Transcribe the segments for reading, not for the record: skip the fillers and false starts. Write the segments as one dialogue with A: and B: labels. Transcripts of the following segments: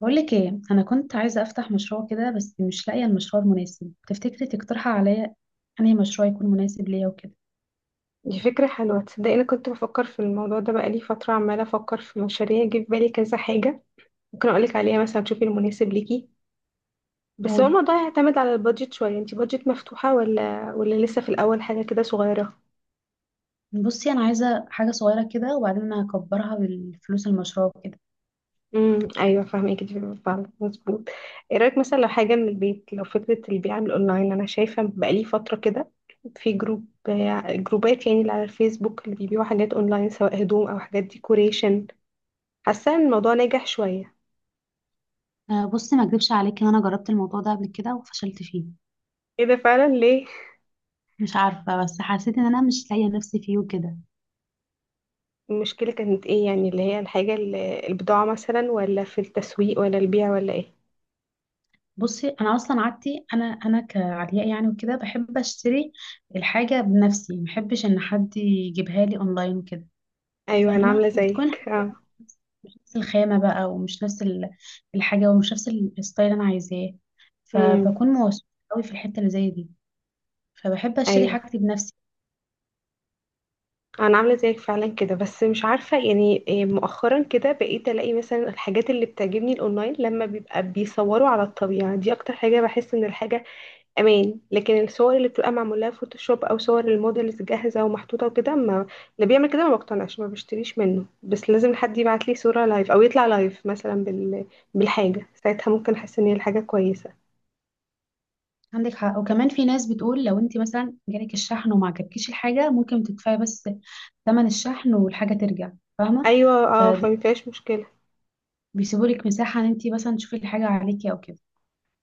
A: بقولك ايه، انا كنت عايزه افتح مشروع كده بس مش لاقيه المشروع المناسب. تفتكري تقترحي عليا انهي مشروع يكون مناسب ليا وكده؟
B: دي فكرة حلوة. تصدقي أنا كنت بفكر في الموضوع ده بقالي فترة، عمالة أفكر في مشاريع جه في بالي كذا حاجة. ممكن أقولك عليها مثلا تشوفي المناسب ليكي. بس هو
A: قولي.
B: الموضوع يعتمد على البادجت شوية، انتي بادجت مفتوحة ولا لسه في الأول حاجة كده صغيرة؟
A: بصي انا عايزه حاجه صغيره كده، وبعدين انا هكبرها بالفلوس المشروع كده.
B: أيوة فاهمك، دي فعلا مظبوط. ايه رأيك مثلا لو حاجة من البيت، لو فكرة البيع من الأونلاين، أنا شايفة بقالي فترة كده في جروبات يعني اللي على الفيسبوك اللي بيبيعوا حاجات أونلاين، سواء هدوم أو حاجات ديكوريشن. حاسة إن الموضوع ناجح شوية.
A: آه، بصي ما اكدبش عليكي ان انا جربت الموضوع ده قبل كده وفشلت فيه.
B: ايه ده؟ فعلا ليه؟
A: مش عارفه بس حسيت ان انا مش لاقيه نفسي فيه وكده.
B: المشكلة كانت ايه يعني، اللي هي الحاجة اللي البضاعة مثلا، ولا في التسويق، ولا البيع، ولا ايه؟
A: بصي انا اصلا عادتي، انا كعلياء يعني وكده، بحب اشتري الحاجه بنفسي، ما بحبش ان حد يجيبها لي اونلاين وكده.
B: ايوه انا
A: فاهمه،
B: عاملة
A: بتكون
B: زيك، اه.
A: مش نفس الخامة بقى، ومش نفس الحاجة، ومش نفس الستايل اللي أنا عايزاه.
B: امم
A: فبكون موسوسة قوي في الحتة اللي زي دي، فبحب أشتري
B: ايوه
A: حاجتي بنفسي.
B: انا عاملة زيك فعلا كده، بس مش عارفة يعني إيه، مؤخرا كده بقيت الاقي مثلا الحاجات اللي بتعجبني الاونلاين لما بيبقى بيصوروا على الطبيعة، دي اكتر حاجة بحس ان الحاجة امان، لكن الصور اللي بتبقى معموله فوتوشوب او صور الموديلز جاهزه ومحطوطه وكده، ما اللي بيعمل كده ما بقتنعش، ما بشتريش منه، بس لازم حد يبعت لي صوره لايف او يطلع لايف مثلا بالحاجه، ساعتها ممكن احس ان هي الحاجه كويسه.
A: عندك حق، وكمان في ناس بتقول لو انت مثلا جالك الشحن وما عجبكيش الحاجة ممكن تدفعي بس ثمن الشحن والحاجة ترجع. فاهمة؟
B: ايوه اه،
A: فدي
B: فما فيهاش مشكله.
A: بيسيبوا لك مساحة ان انت مثلا تشوفي الحاجة عليكي او كده.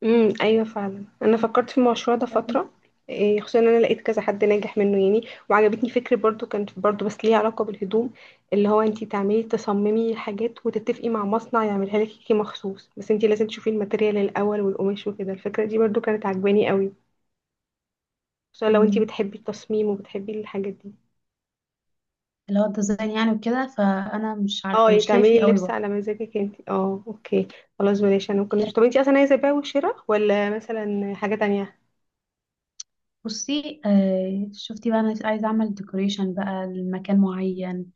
B: ايوه فعلا، انا فكرت في المشروع ده فتره. إيه، خصوصا ان انا لقيت كذا حد ناجح منه يعني. وعجبتني فكره برضو، كانت برضو بس ليها علاقه بالهدوم، اللي هو انتي تعملي تصممي حاجات وتتفقي مع مصنع يعملها لك كي مخصوص، بس انتي لازم تشوفي الماتيريال الاول والقماش وكده. الفكره دي برضو كانت عجباني قوي، خصوصا لو انتي
A: مم.
B: بتحبي التصميم وبتحبي الحاجات دي.
A: اللي هو الديزاين يعني وكده، فأنا مش
B: اه،
A: عارفة،
B: يعني
A: مش ليا
B: تعملي
A: فيه قوي
B: اللبس
A: بقى.
B: على مزاجك انتي، اه، اوكي. خلاص بلاش. انا ممكن، طب انتي اصلا عايزه بيع وشراء ولا مثلا حاجه تانية؟
A: بصي آه، شفتي بقى، انا عايزه اعمل ديكوريشن بقى لمكان معين.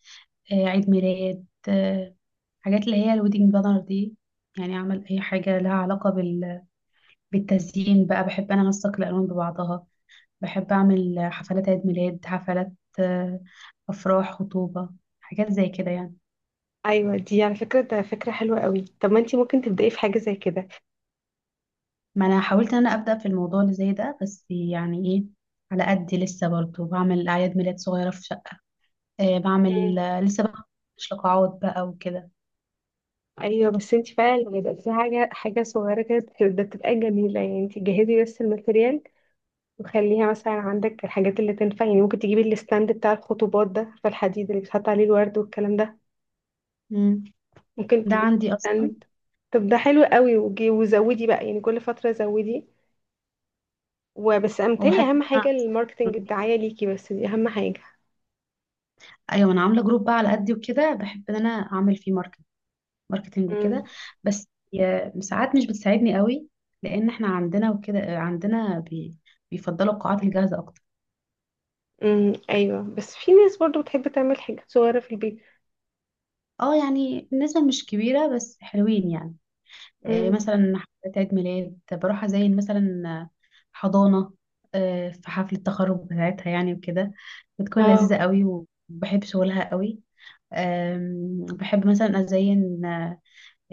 A: آه، عيد ميلاد، آه، حاجات اللي هي الويدنج بانر دي. يعني اعمل اي حاجه لها علاقه بالتزيين بقى. بحب انا انسق الالوان ببعضها، بحب اعمل حفلات عيد ميلاد، حفلات، آه، افراح، خطوبه، حاجات زي كده يعني.
B: ايوه دي على فكره، ده فكره حلوه قوي. طب ما انت ممكن تبداي في حاجه زي كده.
A: ما انا حاولت ان انا ابدا في الموضوع اللي زي ده، بس يعني ايه، على قدي لسه برضه بعمل اعياد ميلاد صغيره في شقه. آه، بعمل،
B: مم.
A: آه، لسه بقى، مش لقاعات بقى وكده.
B: ايوه بس انت بقى لما يبقى في حاجه حاجه صغيره كده، ده بتبقى جميله، يعني انت جهزي بس الماتريال، وخليها مثلا عندك الحاجات اللي تنفع. يعني ممكن تجيبي الستاند بتاع الخطوبات ده، عارفه؟ الحديد اللي بيتحط عليه الورد والكلام ده.
A: مم.
B: ممكن
A: ده
B: تجيبي
A: عندي اصلا.
B: ستاند. طب ده حلو قوي، وزودي بقى، يعني كل فتره زودي، وبس امتلي.
A: وبحب ان
B: اهم
A: انا،
B: حاجه الماركتنج، الدعايه ليكي، بس دي اهم حاجه.
A: ايوه انا عامله جروب بقى على قدي وكده، بحب ان انا اعمل فيه ماركتنج وكده. بس ساعات مش بتساعدني قوي، لان احنا عندنا وكده، عندنا بيفضلوا القاعات الجاهزه اكتر.
B: ايوه، بس في ناس برضو بتحب تعمل حاجات صغيره في البيت.
A: اه يعني النسبه مش كبيره، بس حلوين يعني. آه،
B: امم.
A: مثلا حفلات عيد ميلاد، بروح ازين مثلا حضانه، آه، في حفله التخرج بتاعتها يعني وكده، بتكون
B: اه.
A: لذيذه قوي، وبحب شغلها قوي. أم، بحب مثلا أزين، آه،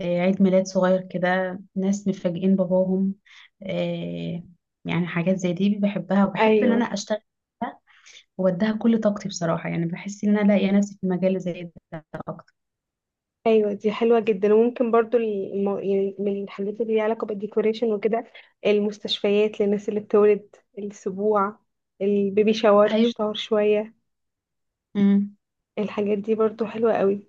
A: عيد ميلاد صغير كده، ناس مفاجئين باباهم، آه، يعني حاجات زي دي بحبها، وبحب إن
B: ايوه.
A: أنا أشتغل فيها وأديها كل طاقتي بصراحة. يعني بحس إن أنا لاقية نفسي في مجال زي ده أكتر.
B: ايوه دي حلوه جدا، وممكن برضو يعني من الحاجات اللي ليها علاقه بالديكوريشن وكده، المستشفيات للناس اللي بتولد، السبوع، البيبي شاور،
A: أيوة.
B: شاور شويه.
A: أمم.
B: الحاجات دي برضو حلوه قوي.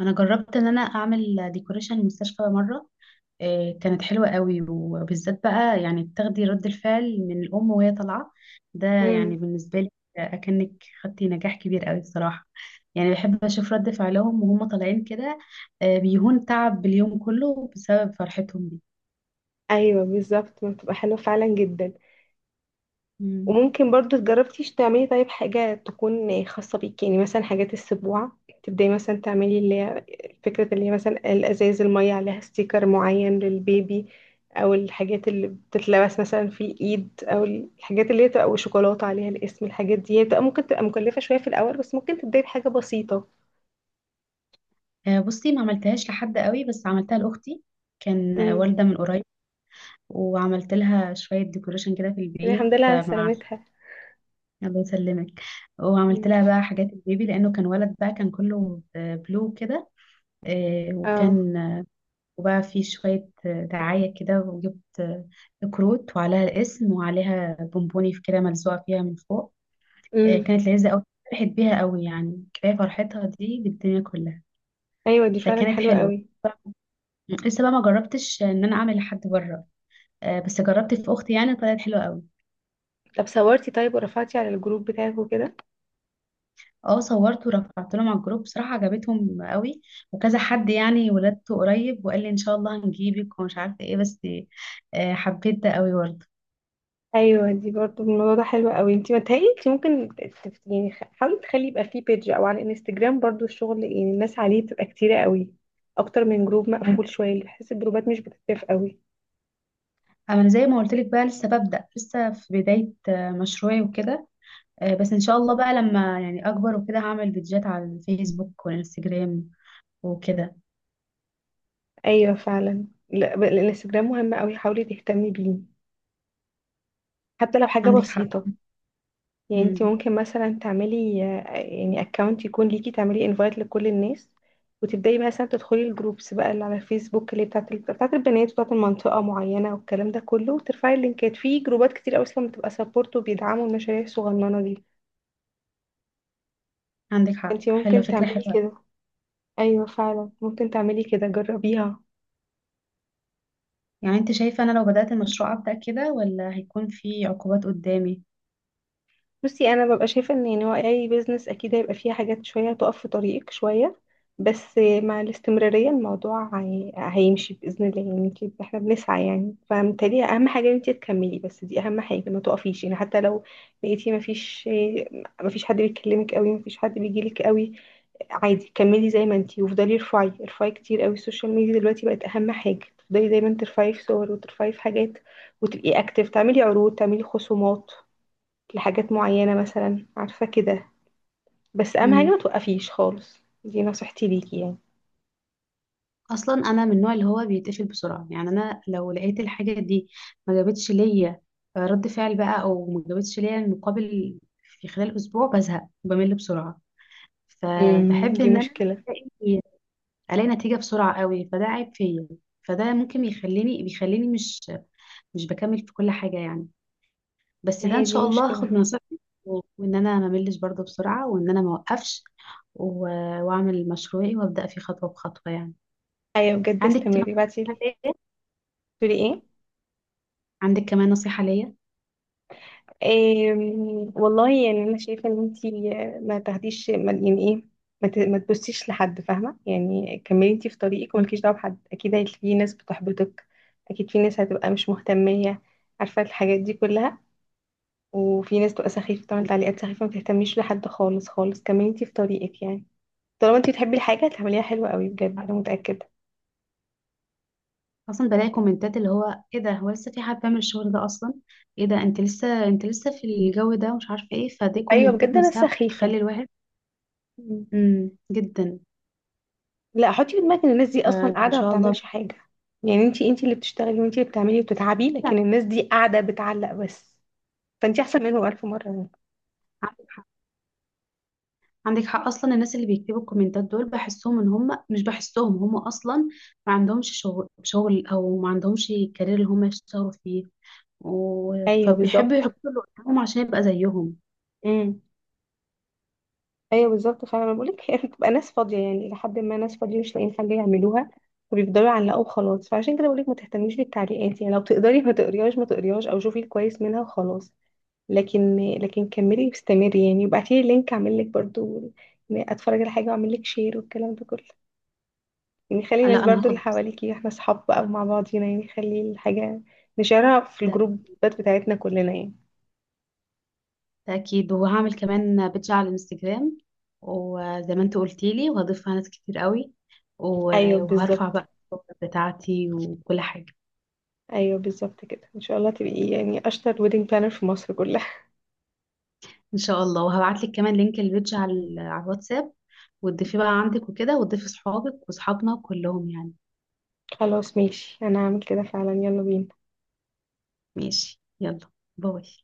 A: أنا جربت إن أنا أعمل ديكوريشن مستشفى مرة. آه، كانت حلوة قوي، وبالذات بقى يعني تاخدي رد الفعل من الأم وهي طالعة. ده يعني
B: امم
A: بالنسبة لي أكنك خدتي نجاح كبير قوي بصراحة. يعني بحب أشوف رد فعلهم وهم طالعين كده. آه، بيهون تعب اليوم كله بسبب فرحتهم دي.
B: ايوه بالظبط، بتبقى حلوه فعلا جدا.
A: مم.
B: وممكن برضو، جربتيش تعملي طيب حاجة تكون خاصة بيكي؟ يعني مثلا حاجات السبوع، تبدأي مثلا تعملي اللي هي فكرة، اللي هي مثلا الأزاز المية عليها ستيكر معين للبيبي، أو الحاجات اللي بتتلبس مثلا في الإيد، أو الحاجات اللي هي بتبقى وشوكولاتة عليها الاسم. الحاجات دي هي بتبقى ممكن تبقى مكلفة شوية في الأول، بس ممكن تبدأي بحاجة بسيطة.
A: آه، بصي ما عملتهاش لحد قوي، بس عملتها لأختي. كان، آه،
B: امم.
A: والدة من قريب، وعملت لها شوية ديكوريشن كده في البيت،
B: الحمد لله على
A: آه، مع،
B: سلامتها.
A: الله يسلمك. وعملت
B: امم.
A: لها بقى حاجات البيبي لأنه كان ولد بقى، كان كله، آه، بلو كده. آه،
B: اه.
A: وكان، وبقى في شوية، آه، دعاية كده، وجبت، آه، كروت وعليها الاسم وعليها بونبوني في كده ملزوقة فيها من فوق. آه،
B: امم.
A: كانت لذيذة أوي، فرحت بيها أوي. يعني كفاية فرحتها دي بالدنيا كلها.
B: أيوة دي فعلا
A: فكانت
B: حلوة
A: حلوة.
B: قوي.
A: لسه بقى ما جربتش إن أنا أعمل لحد بره، آه، بس جربت في أختي يعني، طلعت حلوة أوي.
B: طب صورتي طيب، ورفعتي على الجروب بتاعك وكده؟
A: اه صورت ورفعت لهم على الجروب، بصراحة عجبتهم أوي، وكذا حد يعني ولادته قريب وقال لي إن شاء الله هنجيبك ومش عارفة إيه. بس، آه، حبيت ده أوي برضه.
B: ايوه دي برضه، الموضوع ده حلو قوي. انت متهيألي انت ممكن يعني حاولي تخلي يبقى فيه بيج او على الانستجرام، برضه الشغل يعني الناس عليه بتبقى كتيرة قوي، اكتر من جروب مقفول شويه، بحس الجروبات مش بتتفق قوي.
A: انا زي ما قلت لك بقى، لسه ببدأ، لسه في بداية، آه، مشروعي وكده. آه، بس ان شاء الله بقى لما يعني اكبر وكده، هعمل فيديوهات على الفيسبوك والانستجرام وكده.
B: ايوه فعلا، لا، الانستجرام مهم قوي، حاولي تهتمي بيه حتى لو حاجه
A: عندك حق.
B: بسيطه. يعني انت
A: مم.
B: ممكن مثلا تعملي يعني اكونت يكون ليكي، تعملي انفايت لكل الناس، وتبداي مثلا تدخلي الجروبس بقى اللي على الفيسبوك اللي بتاعت بتاعت البنات، بتاعت المنطقه معينه، والكلام ده كله، وترفعي اللينكات في جروبات كتير، اصلا بتبقى سبورت وبيدعموا المشاريع الصغننه دي.
A: عندك حق،
B: انت
A: حلوة،
B: ممكن
A: فكرة
B: تعملي
A: حلوة.
B: كده. ايوه فعلا ممكن تعملي كده، جربيها.
A: يعني انت شايفة انا لو بدأت المشروع أبدأ كده، ولا هيكون في عقوبات قدامي؟
B: بصي انا ببقى شايفه ان يعني هو اي بيزنس اكيد هيبقى فيها حاجات شويه تقف في طريقك شويه، بس مع الاستمراريه الموضوع هيمشي باذن الله، يعني احنا بنسعى يعني. فمتهيألي اهم حاجه ان انت تكملي، بس دي اهم حاجه، ما تقفيش يعني، حتى لو لقيتي ما فيش، ما فيش حد بيكلمك قوي، ما فيش حد بيجيلك قوي. عادي، كملي زي ما انتي، وافضلي ارفعي، ارفعي كتير قوي. السوشيال ميديا دلوقتي بقت اهم حاجه، تفضلي دايما ترفعي في صور، وترفعي في حاجات، وتبقي اكتف، تعملي عروض، تعملي خصومات لحاجات معينة مثلا، عارفة كده. بس أهم حاجة
A: مم.
B: ما توقفيش خالص، دي نصيحتي ليكي يعني.
A: اصلا انا من النوع اللي هو بيتقفل بسرعة. يعني انا لو لقيت الحاجة دي ما جابتش ليا رد فعل بقى، او ما جابتش ليا المقابل في خلال اسبوع، بزهق، بمل بسرعة. فبحب
B: دي
A: ان انا
B: مشكلة.
A: الاقي، الاقي نتيجه بسرعه قوي. فده عيب فيا، فده ممكن يخليني، بيخليني مش بكمل في كل حاجه يعني. بس
B: ما
A: ده ان
B: هي دي
A: شاء الله هاخد
B: مشكلة.
A: من نصيحتك، وان انا ما ملش برضه بسرعه، وان انا ما اوقفش، واعمل مشروعي وابدا فيه خطوه بخطوه يعني.
B: أيوة بجد
A: عندك
B: استمري.
A: نصيحه
B: بعتيلي
A: ليا؟
B: تقولي ايه؟
A: عندك كمان نصيحه ليا؟
B: والله يعني أنا شايفة إن انتي ما تاخديش، ما يعني ايه، ما تبصيش لحد، فاهمة يعني. كملي انتي في طريقك،
A: مم.
B: ومالكيش دعوة بحد. أكيد في ناس بتحبطك، أكيد في ناس هتبقى مش مهتمية، عارفة الحاجات دي كلها. وفي ناس تبقى سخيفة بتعمل تعليقات سخيفة، ما تهتميش لحد خالص خالص، كملي انتي في طريقك يعني. طالما انتي بتحبي الحاجة هتعمليها حلوة قوي بجد، انا متأكدة.
A: اصلا بلاقي كومنتات اللي هو: ايه ده، هو لسه في حد بيعمل الشغل ده اصلا؟ ايه ده، انت لسه، انت لسه في الجو ده، مش عارفه ايه. فدي
B: ايوه
A: كومنتات
B: بجد انا
A: نفسها
B: سخيفة.
A: بتخلي الواحد.
B: مم.
A: امم، جدا.
B: لا، حطي في دماغك ان الناس دي اصلا
A: فان
B: قاعدة ما
A: شاء
B: بتعملش
A: الله.
B: حاجة. يعني انتي اللي بتشتغلي، وانتي اللي بتعملي وبتتعبي، لكن
A: فعلاً.
B: الناس دي قاعدة بتعلق بس. فانتي احسن منهم ألف مرة يعني.
A: عندك حق، عندك حق. اصلا الناس اللي بيكتبوا الكومنتات دول، بحسهم ان هم مش، بحسهم هم اصلا ما عندهمش شغل شغل، او ما عندهمش كارير اللي هم يشتغلوا فيه.
B: ايوه
A: فبيحبوا
B: بالظبط.
A: يحطوا اللي قدامهم عشان يبقى زيهم.
B: امم ايوه بالظبط فعلا، انا بقولك هي بتبقى ناس فاضية، يعني لحد ما ناس فاضية مش لاقيين حاجة يعملوها، وبيفضلوا يعلقوا وخلاص. فعشان كده بقولك ما تهتميش بالتعليقات يعني، لو تقدري ما تقريهاش ما تقريهاش، او شوفي الكويس منها وخلاص. لكن كملي واستمري يعني، وابعتي لي لينك، اعمل لك برضو، يعني اتفرج على حاجه واعمل لك شير والكلام ده كله. يعني خلي الناس
A: لا انا
B: برضو اللي
A: هاخد
B: حواليكي، احنا اصحاب بقى ومع بعضينا يعني، خلي الحاجه نشارها في
A: ده،
B: الجروبات بتاعتنا كلنا يعني.
A: ده اكيد. وهعمل كمان بيدج على الانستجرام، وزي ما انت قلتي لي وهضيفها ناس كتير قوي. و...
B: ايوه
A: وهرفع
B: بالظبط.
A: بقى الصور بتاعتي وكل حاجه.
B: ايوه بالظبط كده، ان شاء الله تبقي يعني اشطر ويدنج بلانر في مصر كلها.
A: ان شاء الله، وهبعت لك كمان لينك البيج على على الواتساب، وتضيفيه بقى عندك وكده، وتضيفي صحابك وصحابنا كلهم يعني.
B: خلاص ماشي، انا هعمل كده فعلا. يلا بينا.
A: ماشي، يلا، باي.